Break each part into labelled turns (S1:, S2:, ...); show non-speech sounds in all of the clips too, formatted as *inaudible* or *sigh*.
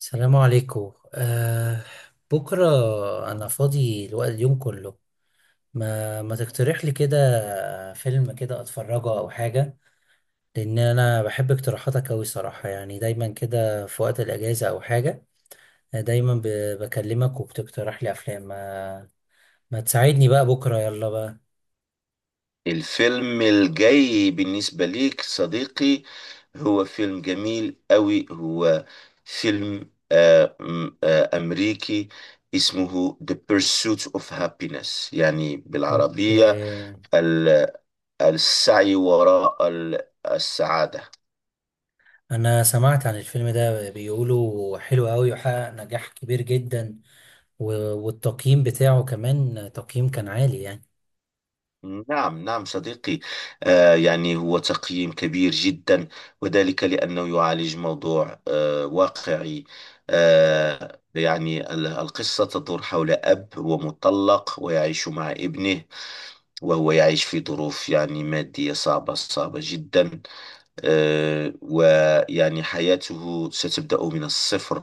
S1: السلام عليكم. بكرة أنا فاضي الوقت اليوم كله. ما تقترح لي كده فيلم كده أتفرجه أو حاجة؟ لأن أنا بحب اقتراحاتك أوي صراحة، يعني دايما كده في وقت الأجازة أو حاجة آه، دايما ب- بكلمك وبتقترح لي أفلام. ما تساعدني بقى بكرة، يلا بقى.
S2: الفيلم الجاي بالنسبة ليك، صديقي، هو فيلم جميل قوي. هو فيلم أمريكي، اسمه The Pursuit of Happiness، يعني بالعربية
S1: أوكي.
S2: ال- السعي وراء السعادة.
S1: أنا سمعت عن الفيلم ده، بيقولوا حلو أوي وحقق نجاح كبير جدا، والتقييم بتاعه كمان تقييم كان عالي يعني.
S2: نعم نعم، صديقي. يعني هو تقييم كبير جدا، وذلك لأنه يعالج موضوع واقعي. يعني القصة تدور حول أب هو مطلق ويعيش مع ابنه، وهو يعيش في ظروف يعني مادية صعبة صعبة جدا. ويعني حياته ستبدأ من الصفر،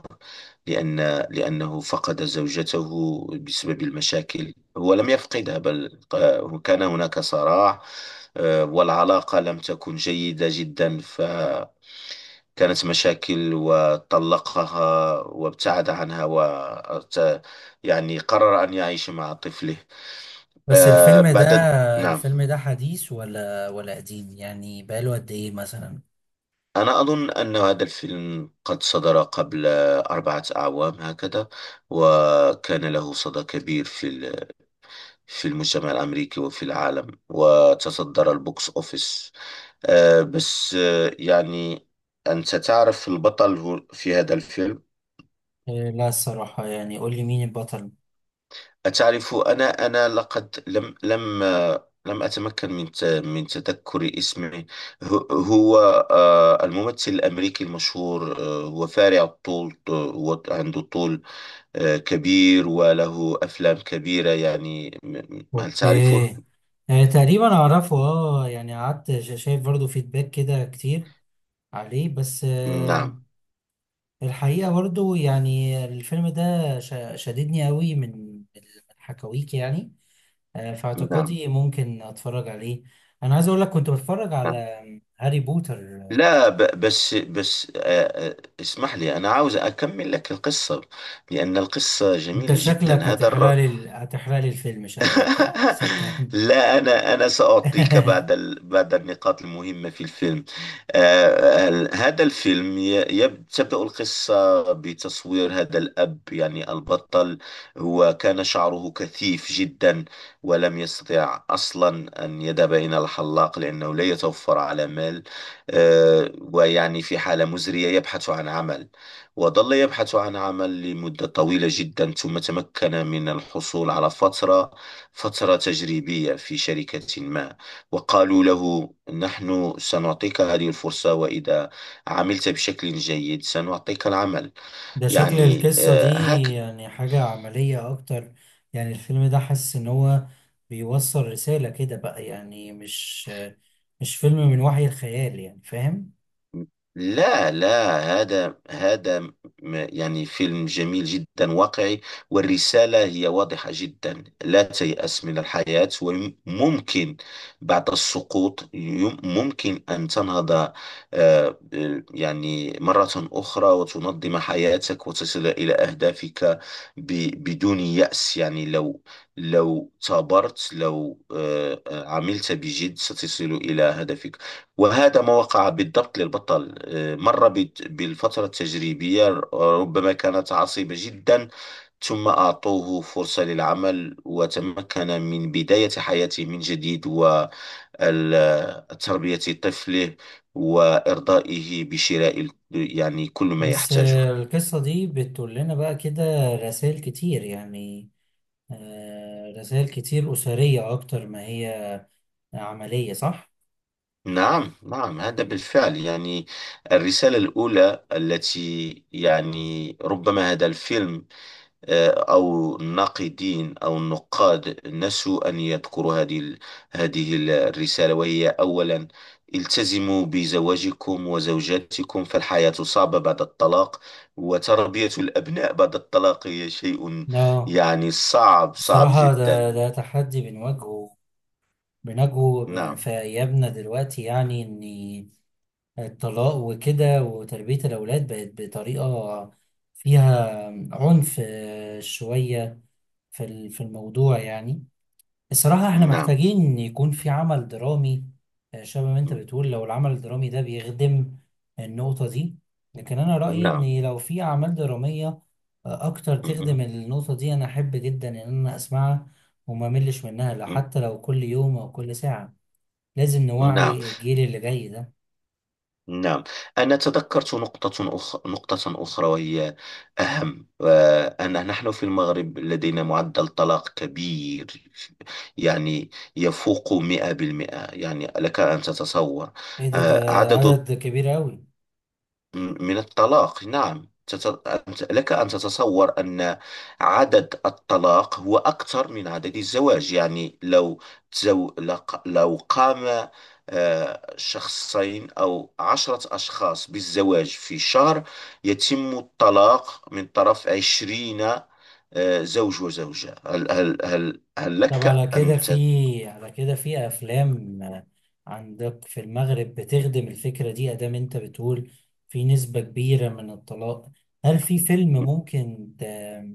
S2: لأن لأنه فقد زوجته. بسبب المشاكل، هو لم يفقدها، بل كان هناك صراع، والعلاقة لم تكن جيدة جدا، فكانت مشاكل، وطلقها وابتعد عنها و يعني قرر أن يعيش مع طفله.
S1: بس
S2: آه،
S1: الفيلم ده،
S2: بعد نعم.
S1: الفيلم ده حديث ولا قديم يعني، بقاله قد ايه مثلا؟
S2: أنا أظن أن هذا الفيلم قد صدر قبل أربعة أعوام هكذا، وكان له صدى كبير في في المجتمع الأمريكي وفي العالم، وتصدر البوكس أوفيس. بس يعني أنت تعرف البطل في هذا الفيلم.
S1: إيه، لا الصراحة يعني قول لي مين البطل.
S2: أتعرف، أنا لقد لم أتمكن من من تذكر اسمه. هو هو، الممثل الأمريكي المشهور، هو فارع الطول، هو عنده طول كبير، وله أفلام كبيرة، يعني هل
S1: اوكي.
S2: تعرفه؟
S1: آه تقريبا اعرفه، اه يعني قعدت شايف برضو فيدباك كده كتير عليه. بس آه
S2: نعم
S1: الحقيقة برضو يعني الفيلم ده شددني قوي من الحكاويك يعني. آه في
S2: نعم
S1: اعتقادي ممكن اتفرج عليه. انا عايز اقول لك كنت بتفرج على
S2: نعم.
S1: هاري بوتر.
S2: لا بس بس، اسمح لي، أنا عاوز أكمل لك القصة، لأن القصة
S1: انت
S2: جميلة جدا.
S1: شكلك هتحرق لي الفيلم شكلك يعني،
S2: *laughs*
S1: صدقني.
S2: لا، أنا سأعطيك
S1: *laughs*
S2: بعد النقاط المهمة في الفيلم. هذا الفيلم تبدأ القصة بتصوير هذا الأب، يعني البطل. هو كان شعره كثيف جدا، ولم يستطع أصلا أن يذهب إلى الحلاق لأنه لا يتوفر على مال. ويعني في حالة مزرية، يبحث عن عمل، وظل يبحث عن عمل لمدة طويلة جدا، ثم تمكن من الحصول على فترة، فترة تجريبية في شركة ما. وقالوا له، نحن سنعطيك هذه الفرصة، وإذا عملت بشكل جيد سنعطيك العمل.
S1: ده شكل
S2: يعني
S1: القصة دي
S2: هكذا.
S1: يعني حاجة عملية اكتر. يعني الفيلم ده حاسس ان هو بيوصل رسالة كده بقى، يعني مش فيلم من وحي الخيال يعني، فاهم؟
S2: لا لا، يعني فيلم جميل جدا، واقعي، والرسالة هي واضحة جدا، لا تيأس من الحياة، وممكن بعد السقوط ممكن أن تنهض، آه، يعني مرة أخرى، وتنظم حياتك وتصل إلى أهدافك، بدون يأس. يعني لو ثابرت، لو عملت بجد، ستصل إلى هدفك. وهذا ما وقع بالضبط للبطل، مر بالفترة التجريبية، ربما كانت عصيبة جدا، ثم أعطوه فرصة للعمل، وتمكن من بداية حياته من جديد، وتربية طفله، وإرضائه بشراء يعني كل ما
S1: بس
S2: يحتاجه.
S1: آه، القصة دي بتقول لنا بقى كده رسائل كتير يعني، رسائل كتير أسرية أكتر ما هي عملية، صح؟
S2: نعم نعم، هذا بالفعل. يعني الرسالة الأولى التي يعني ربما هذا الفيلم أو الناقدين أو النقاد نسوا أن يذكروا هذه الرسالة، وهي أولا، التزموا بزواجكم وزوجاتكم، فالحياة صعبة بعد الطلاق، وتربية الأبناء بعد الطلاق هي شيء
S1: اه
S2: يعني صعب صعب
S1: الصراحة ده
S2: جدا.
S1: ده تحدي بنواجهه بنجو
S2: نعم
S1: في أيامنا دلوقتي، يعني إن الطلاق وكده وتربية الأولاد بقت بطريقة فيها عنف شوية في الموضوع يعني. الصراحة إحنا
S2: نعم
S1: محتاجين إن يكون في عمل درامي شبه ما أنت بتقول. لو العمل الدرامي ده بيخدم النقطة دي. لكن أنا رأيي
S2: نعم
S1: إن لو في أعمال درامية أكتر تخدم
S2: نعم
S1: النقطة دي أنا أحب جدا إن أنا أسمعها وما ملش منها، لو حتى لو كل يوم أو كل ساعة. لازم
S2: نعم.
S1: نوعي الجيل اللي جاي ده.
S2: نعم، أنا تذكرت نقطة أخرى، نقطة أخرى، وهي أهم، أن نحن في المغرب لدينا معدل طلاق كبير، يعني يفوق 100%. يعني لك أن تتصور
S1: ايه ده،
S2: عدد
S1: عدد كبير قوي.
S2: من الطلاق. نعم، لك أن تتصور أن عدد الطلاق هو أكثر من عدد الزواج. يعني لو لو قام شخصين أو عشرة أشخاص بالزواج في شهر، يتم الطلاق من طرف عشرين زوج وزوجة. هل
S1: طب على
S2: لك
S1: كده
S2: أن تت...
S1: في، على كده في افلام عندك في المغرب بتخدم الفكرة دي، ادام انت بتقول في نسبة كبيرة من الطلاق؟ هل في فيلم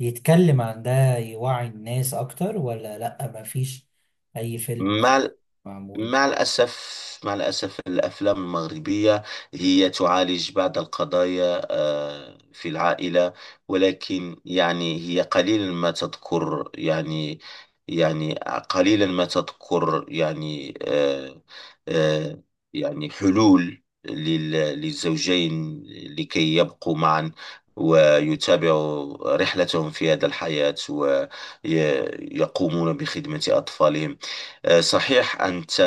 S1: يتكلم عن ده يوعي الناس اكتر، ولا لا مفيش اي فيلم
S2: ما
S1: معمول؟
S2: مع الأسف، مع الأسف، الأفلام المغربية هي تعالج بعض القضايا في العائلة، ولكن يعني هي قليلا ما تذكر، يعني يعني قليلا ما تذكر، يعني آه، يعني حلول للزوجين لكي يبقوا معا، ويتابعوا رحلتهم في هذا الحياة، ويقومون بخدمة أطفالهم. صحيح،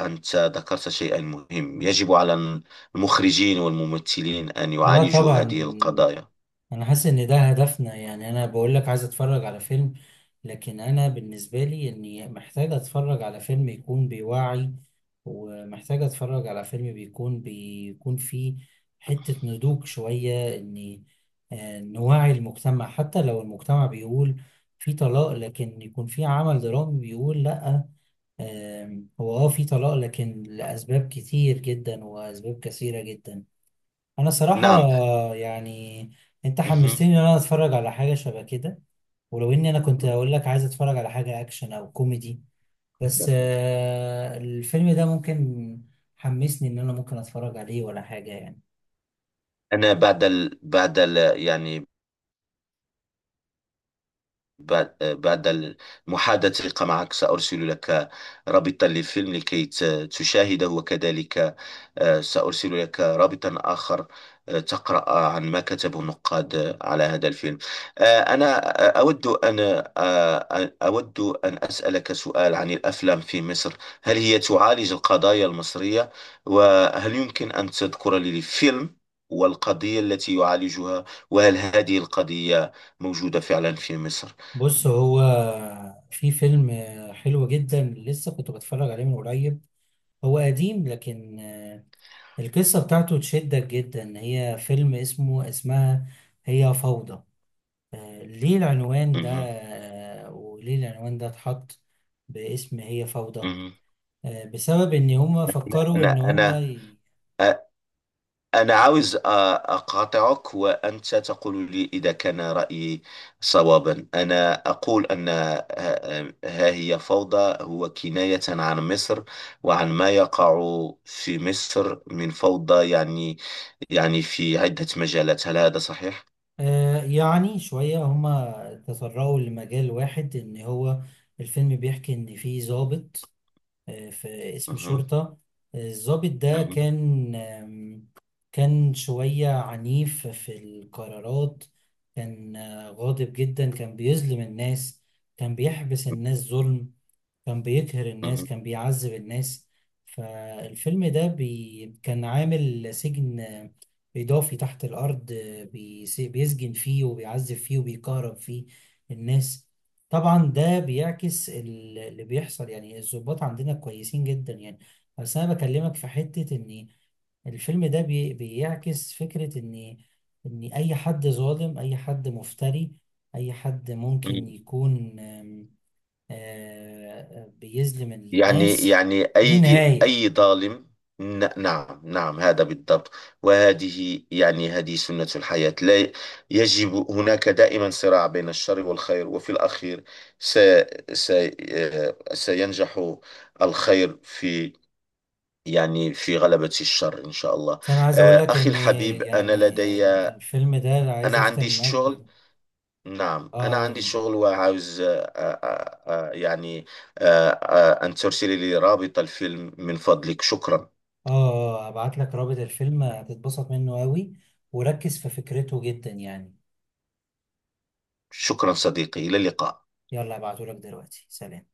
S2: أنت ذكرت شيئا مهم. يجب على المخرجين والممثلين أن
S1: اه
S2: يعالجوا
S1: طبعا.
S2: هذه القضايا.
S1: انا حاسس ان ده هدفنا، يعني انا بقول لك عايز اتفرج على فيلم، لكن انا بالنسبه لي اني محتاج اتفرج على فيلم يكون بيوعي، ومحتاج اتفرج على فيلم بيكون فيه حته نضوج شويه، اني نوعي المجتمع. حتى لو المجتمع بيقول في طلاق، لكن يكون في عمل درامي بيقول لا، هو اه في طلاق لكن لاسباب كتير جدا واسباب كثيره جدا. انا صراحة
S2: نعم.
S1: يعني انت
S2: مهم.
S1: حمستني ان انا اتفرج على حاجة شبه كده، ولو اني انا كنت اقول لك عايز اتفرج على حاجة اكشن او كوميدي، بس آه، الفيلم ده ممكن حمسني ان انا ممكن اتفرج عليه ولا حاجة يعني.
S2: أنا يعني بعد المحادثة معك سأرسل لك رابطا للفيلم لكي تشاهده، وكذلك سأرسل لك رابطا آخر، تقرأ عن ما كتبه النقاد على هذا الفيلم. أنا أود أن أسألك سؤال عن الأفلام في مصر. هل هي تعالج القضايا المصرية؟ وهل يمكن أن تذكر لي فيلم والقضية التي يعالجها، وهل هذه القضية موجودة فعلا في مصر؟
S1: بص، هو في فيلم حلو جدا لسه كنت بتفرج عليه من قريب، هو قديم لكن القصة بتاعته تشدك جدا. هي فيلم اسمها هي فوضى. ليه العنوان ده،
S2: مهم.
S1: وليه العنوان ده اتحط باسم هي فوضى؟
S2: مهم.
S1: بسبب ان هما فكروا
S2: أنا
S1: ان
S2: أنا أنا عاوز أقاطعك، وأنت تقول لي إذا كان رأيي صوابا. أنا أقول أن ها ها هي فوضى هو كناية عن مصر وعن ما يقع في مصر من فوضى، يعني في عدة مجالات. هل هذا صحيح؟
S1: يعني شوية هما تطرقوا لمجال واحد ان هو الفيلم بيحكي ان في ضابط، في اسم
S2: مهم.
S1: شرطة. الضابط ده
S2: مهم.
S1: كان كان شوية عنيف في القرارات، كان غاضب جدا، كان بيظلم الناس، كان بيحبس الناس ظلم، كان بيقهر الناس، كان بيعذب الناس. فالفيلم ده كان عامل سجن إضافي تحت الأرض، بيسجن فيه وبيعذب فيه وبيكهرب فيه الناس. طبعا ده اللي بيحصل، يعني الضباط عندنا كويسين جدا يعني، بس أنا بكلمك في حتة إن الفيلم ده بيعكس فكرة إن أي حد ظالم، أي حد مفتري، أي حد
S2: مهم.
S1: ممكن يكون بيظلم
S2: يعني
S1: الناس ليه
S2: أي
S1: نهاية.
S2: ظالم. نعم نعم، هذا بالضبط، وهذه يعني هذه سنة الحياة. لا يجب، هناك دائما صراع بين الشر والخير، وفي الأخير س س آه، سينجح الخير في، يعني، في غلبة الشر، إن شاء الله.
S1: بس أنا عايز أقول لك
S2: أخي
S1: إن
S2: الحبيب، أنا
S1: يعني
S2: لدي،
S1: الفيلم ده اللي عايز
S2: أنا
S1: أختم
S2: عندي
S1: معاك
S2: الشغل. نعم، أنا عندي
S1: أقول
S2: شغل، وعاوز يعني أن ترسلي لي رابط الفيلم من فضلك، شكرا.
S1: آه، أبعت لك رابط الفيلم هتتبسط منه أوي، وركز في فكرته جدا يعني.
S2: شكرا، صديقي، إلى اللقاء
S1: يلا أبعته لك دلوقتي، سلام.